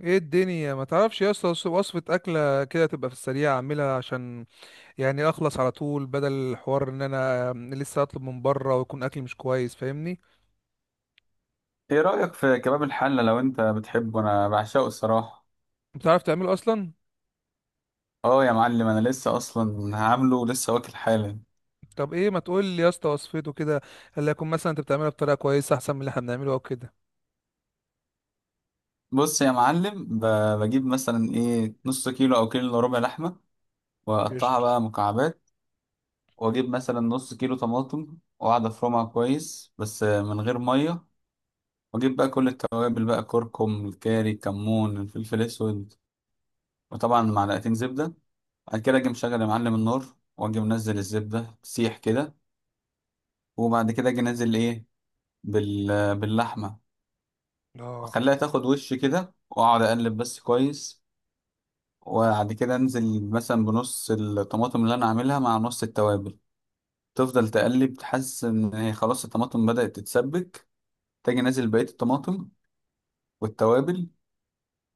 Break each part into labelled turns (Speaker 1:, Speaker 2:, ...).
Speaker 1: ايه الدنيا، ما تعرفش يا اسطى وصفة اكلة كده تبقى في السريع؟ اعملها عشان يعني اخلص على طول، بدل الحوار ان انا لسه اطلب من بره ويكون اكل مش كويس. فاهمني؟
Speaker 2: ايه رأيك في كباب الحلة؟ لو انت بتحبه انا بعشقه الصراحة.
Speaker 1: بتعرف تعمله اصلا؟
Speaker 2: اه يا معلم، انا لسه اصلا عامله ولسه واكل حالا.
Speaker 1: طب ايه، ما تقول لي يا اسطى وصفته كده؟ اللي يكون مثلا انت بتعملها بطريقة كويسة، احسن من اللي احنا بنعمله او كده.
Speaker 2: بص يا معلم، بجيب مثلا ايه نص كيلو او كيلو الا ربع لحمة، واقطعها
Speaker 1: قشطة.
Speaker 2: بقى مكعبات. واجيب مثلا نص كيلو طماطم واقعد افرمها كويس بس من غير مية. واجيب بقى كل التوابل بقى، كركم، الكاري، الكمون، الفلفل الاسود، وطبعا معلقتين زبدة. بعد كده اجي مشغل يا معلم النار، واجي منزل الزبدة تسيح كده. وبعد كده اجي انزل ايه، بال... باللحمة،
Speaker 1: اه،
Speaker 2: وأخليها تاخد وش كده وأقعد أقلب بس كويس. وبعد كده أنزل مثلا بنص الطماطم اللي أنا عاملها مع نص التوابل، تفضل تقلب تحس إن هي خلاص الطماطم بدأت تتسبك. تاجي نازل بقية الطماطم والتوابل.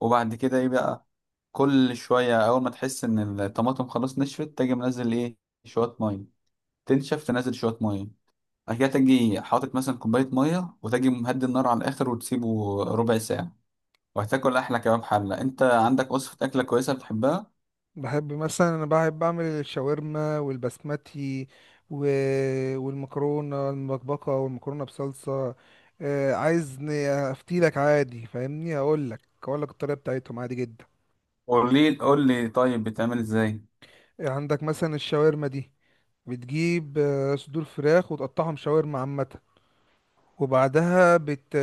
Speaker 2: وبعد كده إيه بقى، كل شوية أول ما تحس إن الطماطم خلاص نشفت تاجي منزل إيه، شوية مية. تنشف تنزل شوية مية. بعد كده تاجي حاطط مثلا كوباية مية وتاجي مهدي النار على الآخر وتسيبه ربع ساعة. وهتاكل احلى كباب حله. انت عندك وصفه اكله كويسه بتحبها؟
Speaker 1: بحب مثلا، انا بحب اعمل الشاورما والبسمتي و... والمكرونه المبكبكه والمكرونه بصلصه. عايز افتيلك عادي. فاهمني؟ هقول لك اقول لك الطريقه بتاعتهم عادي جدا.
Speaker 2: قول لي قول لي، طيب بتعمل ازاي؟
Speaker 1: عندك مثلا الشاورما دي، بتجيب صدور فراخ وتقطعهم شاورما عامه. وبعدها بت...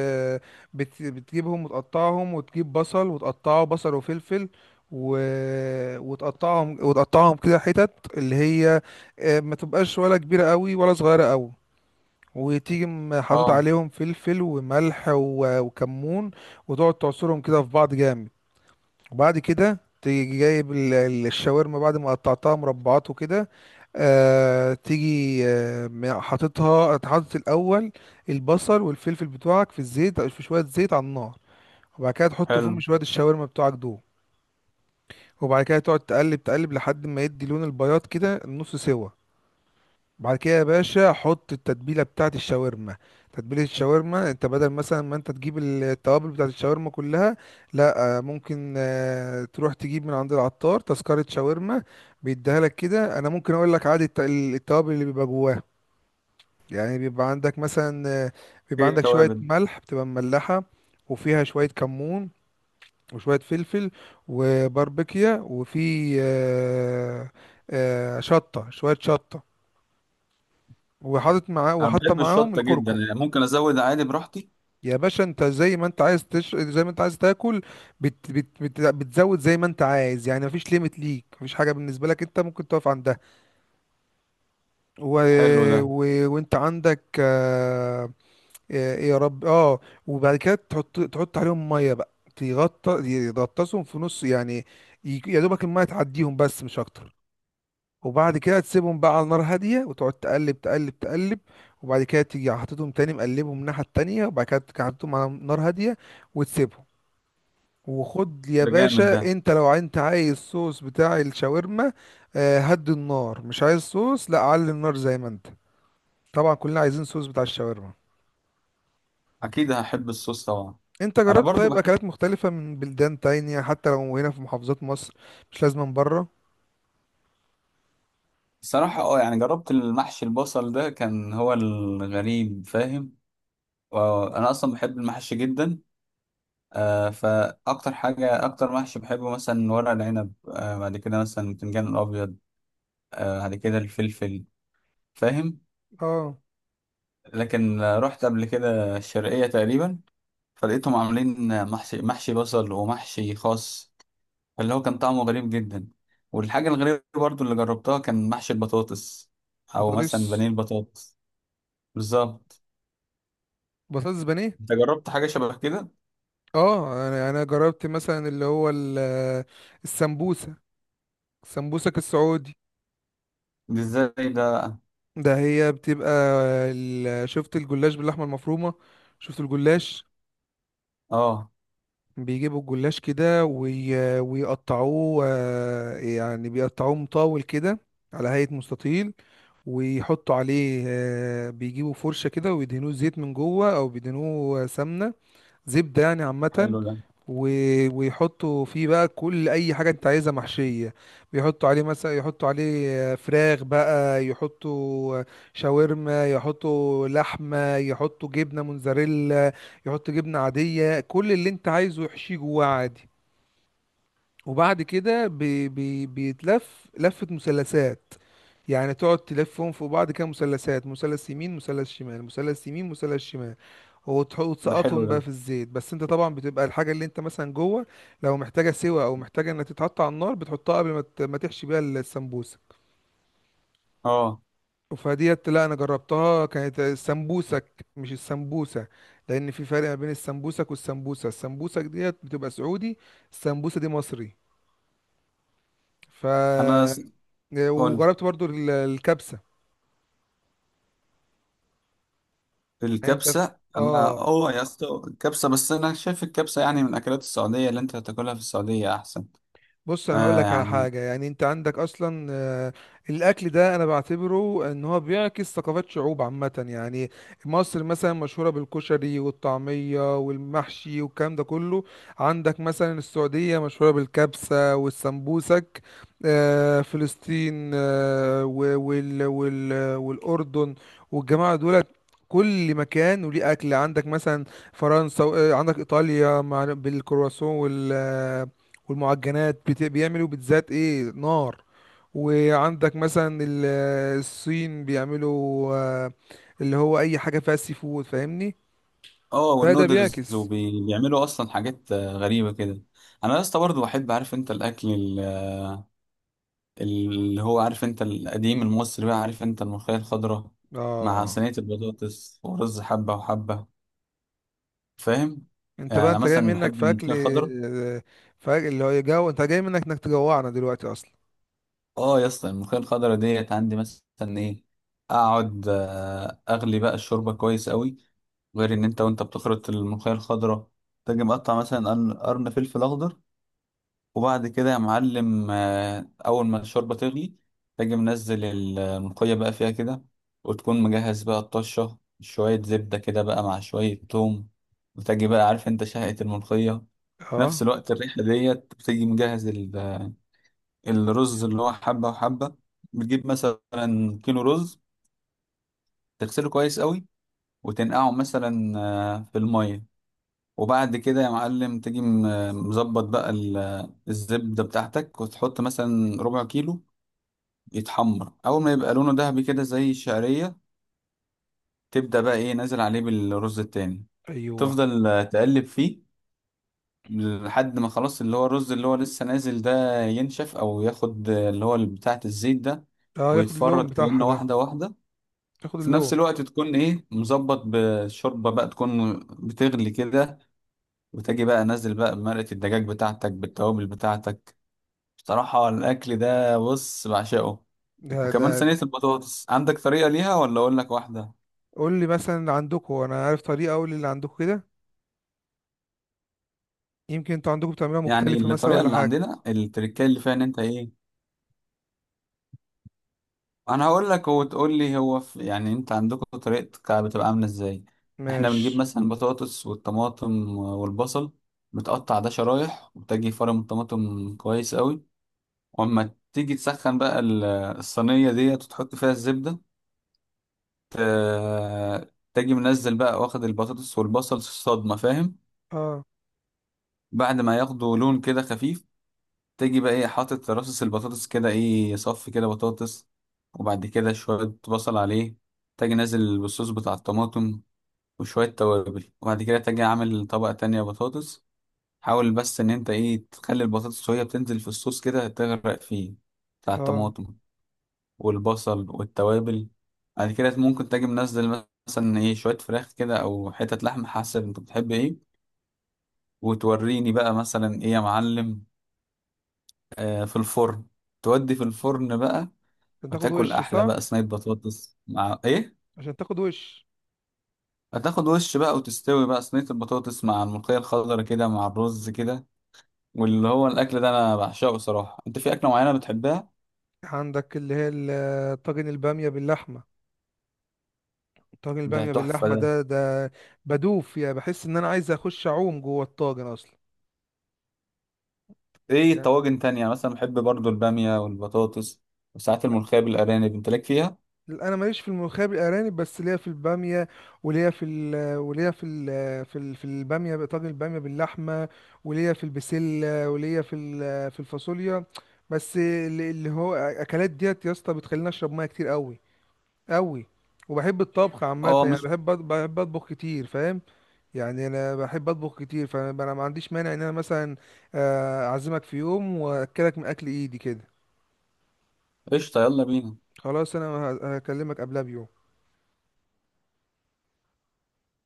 Speaker 1: بتجيبهم وتقطعهم، وتجيب بصل وتقطعه، بصل وفلفل، و... وتقطعهم كده حتت. اللي هي ما تبقاش ولا كبيرة قوي ولا صغيرة قوي. وتيجي حاطط
Speaker 2: اه.
Speaker 1: عليهم فلفل وملح وكمون، وتقعد تعصرهم كده في بعض جامد. وبعد كده تيجي جايب الشاورما بعد ما قطعتها مربعات وكده. تيجي حاطط الاول البصل والفلفل بتوعك في الزيت، في شويه زيت على النار. وبعد كده تحط
Speaker 2: حلو.
Speaker 1: فيهم شويه الشاورما بتوعك دول. وبعد كده تقعد تقلب تقلب لحد ما يدي لون البياض كده نص سوا. بعد كده يا باشا، حط التتبيله بتاعت الشاورما. تتبيله الشاورما، انت بدل مثلا ما انت تجيب التوابل بتاعت الشاورما كلها، لا ممكن تروح تجيب من عند العطار تذكره شاورما، بيديها لك كده. انا ممكن اقول لك عادي التوابل اللي بيبقى جواها. يعني بيبقى عندك مثلا، بيبقى
Speaker 2: ايه
Speaker 1: عندك شويه
Speaker 2: التوابل؟
Speaker 1: ملح، بتبقى مملحه، وفيها شويه كمون، وشويه فلفل، وباربيكيا، وفي شطه، شويه شطه، وحاطط معاه
Speaker 2: انا
Speaker 1: وحاطه
Speaker 2: بحب
Speaker 1: معاهم
Speaker 2: الشطه جدا،
Speaker 1: الكركم.
Speaker 2: يعني ممكن ازود عادي براحتي.
Speaker 1: يا باشا انت، زي ما انت عايز تاكل. بتزود زي ما انت عايز. يعني مفيش ليميت ليك، مفيش حاجه بالنسبه لك انت ممكن تقف عندها. و...
Speaker 2: حلو ده.
Speaker 1: و... وانت عندك يا رب اه. وبعد كده تحط عليهم ميه بقى، تغطى، يغطسهم في نص يعني. يا دوبك الميه تعديهم بس مش اكتر. وبعد كده تسيبهم بقى على نار هادية، وتقعد تقلب تقلب تقلب. وبعد كده تيجي حاططهم تاني، مقلبهم من الناحية التانية، وبعد كده تيجي حاططهم على نار هادية وتسيبهم. وخد يا
Speaker 2: ده جامد ده.
Speaker 1: باشا، انت لو انت عايز الصوص بتاع الشاورما، هدي النار. مش عايز صوص، لا علي النار زي ما انت. طبعا كلنا عايزين صوص بتاع الشاورما.
Speaker 2: اكيد هحب الصوص طبعا.
Speaker 1: انت
Speaker 2: انا
Speaker 1: جربت
Speaker 2: برضو
Speaker 1: طيب
Speaker 2: بحب.
Speaker 1: اكلات مختلفة من بلدان تانية، حتى لو هنا في محافظات مصر؟ مش لازم من بره.
Speaker 2: بصراحه اه، يعني جربت المحشي البصل، ده كان هو الغريب، فاهم؟ انا اصلا بحب المحشي جدا. آه، فاكتر حاجه اكتر محشي بحبه مثلا ورق العنب، آه بعد كده مثلا البتنجان الابيض، آه بعد كده الفلفل، فاهم؟
Speaker 1: اه.
Speaker 2: لكن رحت قبل كده الشرقية تقريبا، فلقيتهم عاملين محشي، محشي بصل ومحشي خاص، اللي هو كان طعمه غريب جدا. والحاجة الغريبة برضو اللي جربتها كان محشي البطاطس، أو مثلا
Speaker 1: بطاطس.
Speaker 2: بانيه البطاطس. بالظبط.
Speaker 1: بطاطس بانيه.
Speaker 2: أنت جربت حاجة شبه كده؟
Speaker 1: اه، انا جربت مثلا اللي هو السمبوسه السمبوسك السعودي.
Speaker 2: دي ازاي ده؟
Speaker 1: ده هي بتبقى ال- شفت الجلاش باللحمه المفرومه؟ شفت الجلاش؟
Speaker 2: اه.
Speaker 1: بيجيبوا الجلاش كده، ويقطعوه، يعني بيقطعوه مطاول كده، على هيئه مستطيل. ويحطوا عليه بيجيبوا فرشه كده ويدهنوه زيت من جوه، او بيدهنوه سمنه، زبدة يعني عامة.
Speaker 2: حلو ده.
Speaker 1: و... ويحطوا فيه بقى كل أي حاجة أنت عايزها محشية. بيحطوا عليه مثلا، يحطوا عليه فراخ بقى، يحطوا شاورما، يحطوا لحمة، يحطوا جبنة موزاريلا، يحطوا جبنة عادية، كل اللي أنت عايزه يحشيه جواه عادي. وبعد كده بيتلف لفة مثلثات. يعني تقعد تلفهم فوق بعض كده مثلثات، مثلث يمين، مثلث شمال، مثلث يمين، مثلث شمال.
Speaker 2: ده حلو
Speaker 1: وتسقطهم
Speaker 2: ده.
Speaker 1: بقى في الزيت. بس انت طبعا بتبقى الحاجه اللي انت مثلا جوه، لو محتاجه سوا او محتاجه انها تتحط على النار، بتحطها قبل ما ما تحشي بيها السمبوسه.
Speaker 2: اه.
Speaker 1: فديت، لا انا جربتها، كانت السمبوسك مش السمبوسه. لان في فرق ما بين السمبوسك والسمبوسه. السمبوسك ديت بتبقى سعودي، السمبوسه دي مصري. ف
Speaker 2: أنا س- قول.
Speaker 1: وجربت برضو الكبسه. يعني انت،
Speaker 2: الكبسة، أنا
Speaker 1: اه.
Speaker 2: اه يا اسطى، الكبسة بس أنا شايف الكبسة يعني من أكلات السعودية، اللي أنت هتاكلها في السعودية أحسن.
Speaker 1: بص، انا هقول
Speaker 2: آه
Speaker 1: لك على
Speaker 2: يعني.
Speaker 1: حاجه. يعني انت عندك اصلا الاكل ده انا بعتبره ان هو بيعكس ثقافات شعوب عامه. يعني مصر مثلا مشهوره بالكشري والطعميه والمحشي والكلام ده كله. عندك مثلا السعوديه مشهوره بالكبسه والسمبوسك. فلسطين والاردن والجماعه دولت، كل مكان وليه اكل. عندك مثلا فرنسا، عندك ايطاليا، مع بالكرواسون والمعجنات. بيعملوا بيتزات ايه نار. وعندك مثلا الصين بيعملوا اللي هو اي حاجه فيها سي فود، فاهمني؟
Speaker 2: اه،
Speaker 1: فده
Speaker 2: والنودلز
Speaker 1: بيعكس.
Speaker 2: وبيعملوا اصلا حاجات غريبه كده. انا يا اسطى برضه بحب، عارف انت الاكل اللي هو، عارف انت القديم المصري بقى، عارف انت الملوخيه الخضراء مع
Speaker 1: اه.
Speaker 2: صينيه البطاطس ورز حبه وحبه، فاهم؟
Speaker 1: انت
Speaker 2: يعني
Speaker 1: بقى
Speaker 2: انا
Speaker 1: انت جاي
Speaker 2: مثلا بحب
Speaker 1: منك في اكل،
Speaker 2: الملوخيه الخضراء.
Speaker 1: فاكل اللي هو يجو. انت جاي منك انك تجوعنا دلوقتي اصلا.
Speaker 2: اه يا اسطى، الملوخيه الخضراء ديت عندي مثلا ايه، اقعد اغلي بقى الشوربه كويس قوي، غير ان انت وانت بتخرط الملوخيه الخضراء تجي مقطع مثلا قرن قرن فلفل اخضر. وبعد كده يا معلم أول ما الشوربة تغلي تجي منزل الملوخية بقى فيها كده، وتكون مجهز بقى الطشة شوية زبدة كده بقى مع شوية توم، وتجي بقى عارف انت شهقة الملوخية في نفس
Speaker 1: اه.
Speaker 2: الوقت، الريحة ديت بتيجي مجهز الرز اللي هو حبة وحبة. بتجيب مثلا كيلو رز، تغسله كويس قوي، وتنقعه مثلا في المية. وبعد كده يا معلم تجي مظبط بقى الزبدة بتاعتك وتحط مثلا ربع كيلو، يتحمر اول ما يبقى لونه ذهبي كده زي الشعريه، تبدا بقى ايه نازل عليه بالرز التاني،
Speaker 1: ايوه.
Speaker 2: تفضل تقلب فيه لحد ما خلاص اللي هو الرز اللي هو لسه نازل ده ينشف او ياخد اللي هو بتاعه الزيت ده،
Speaker 1: اه. ياخد اللون
Speaker 2: ويتفرد
Speaker 1: بتاعها
Speaker 2: كأنه
Speaker 1: ده.
Speaker 2: واحده واحده.
Speaker 1: ياخد
Speaker 2: في
Speaker 1: اللون.
Speaker 2: نفس الوقت تكون ايه مظبط بشوربه بقى تكون بتغلي كده، وتجي بقى نازل بقى بمرقه الدجاج بتاعتك بالتوابل بتاعتك. بصراحه الاكل ده بص بعشقه.
Speaker 1: ده ده،
Speaker 2: وكمان صينيه البطاطس، عندك طريقه ليها ولا اقول لك واحده؟
Speaker 1: قول لي مثلا عندكم. انا عارف طريقه، اقول اللي عندكم كده، يمكن انتوا عندكم بتعملوها
Speaker 2: يعني
Speaker 1: مختلفه مثلا،
Speaker 2: الطريقه
Speaker 1: ولا
Speaker 2: اللي
Speaker 1: حاجه.
Speaker 2: عندنا التركيه اللي فيها ان انت ايه، انا هقول لك وتقول لي، هو في يعني انت عندكم طريقتك بتبقى عامله ازاي؟ احنا بنجيب
Speaker 1: ماشي.
Speaker 2: مثلا البطاطس والطماطم والبصل، بتقطع ده شرايح وبتجي فرم الطماطم كويس قوي، واما تيجي تسخن بقى الصينيه ديت وتحط فيها الزبده، تجي منزل بقى واخد البطاطس والبصل الصدمه، فاهم؟
Speaker 1: اه.
Speaker 2: بعد ما ياخدوا لون كده خفيف، تيجي بقى ايه حاطط رصص البطاطس كده، ايه صف كده بطاطس، وبعد كده شوية بصل عليه، تاجي نازل بالصوص بتاع الطماطم وشوية توابل، وبعد كده تاجي عامل طبقة تانية بطاطس. حاول بس ان انت ايه تخلي البطاطس وهي بتنزل في الصوص كده تغرق فيه، بتاع
Speaker 1: اه.
Speaker 2: الطماطم والبصل والتوابل. بعد كده ممكن تاجي منزل مثلا ايه شوية فراخ كده او حتة لحمة حسب انت بتحب ايه، وتوريني بقى مثلا ايه يا معلم، آه في الفرن، تودي في الفرن بقى،
Speaker 1: عشان تاخد
Speaker 2: وتاكل
Speaker 1: وش
Speaker 2: احلى
Speaker 1: صح.
Speaker 2: بقى صينيه بطاطس مع ايه.
Speaker 1: عشان تاخد وش.
Speaker 2: هتاخد وش بقى وتستوي بقى صينيه البطاطس مع الملوخيه الخضراء كده مع الرز كده، واللي هو الاكل ده انا بعشقه صراحه. انت في اكله معينه بتحبها؟
Speaker 1: عندك اللي هي طاجن البامية باللحمة. طاجن
Speaker 2: ده
Speaker 1: البامية
Speaker 2: تحفه
Speaker 1: باللحمة
Speaker 2: ده.
Speaker 1: ده، ده بدوف يعني، بحس ان انا عايز اخش اعوم جوه الطاجن اصلا.
Speaker 2: ايه
Speaker 1: يعني
Speaker 2: طواجن تانية؟ مثلا بحب برضو الباميه والبطاطس، وساعات الملوخيه بالارانب. انت ليك فيها؟
Speaker 1: انا ماليش في الملوخية بالارانب، بس ليا في البامية، وليا في ال وليا في ال في ال في البامية طاجن البامية باللحمة، وليا في البسلة، وليا في في الفاصوليا. بس اللي هو اكلات ديت يا اسطى بتخليني اشرب ميه كتير قوي قوي. وبحب الطبخ عامة
Speaker 2: اه.
Speaker 1: يعني.
Speaker 2: مش
Speaker 1: بحب أطبخ كتير، فاهم؟ يعني أنا بحب أطبخ كتير، فأنا ما عنديش مانع إن أنا مثلا أعزمك في يوم وأكلك من أكل إيدي كده.
Speaker 2: قشطه يلا بينا.
Speaker 1: خلاص، أنا هكلمك قبلها بيوم.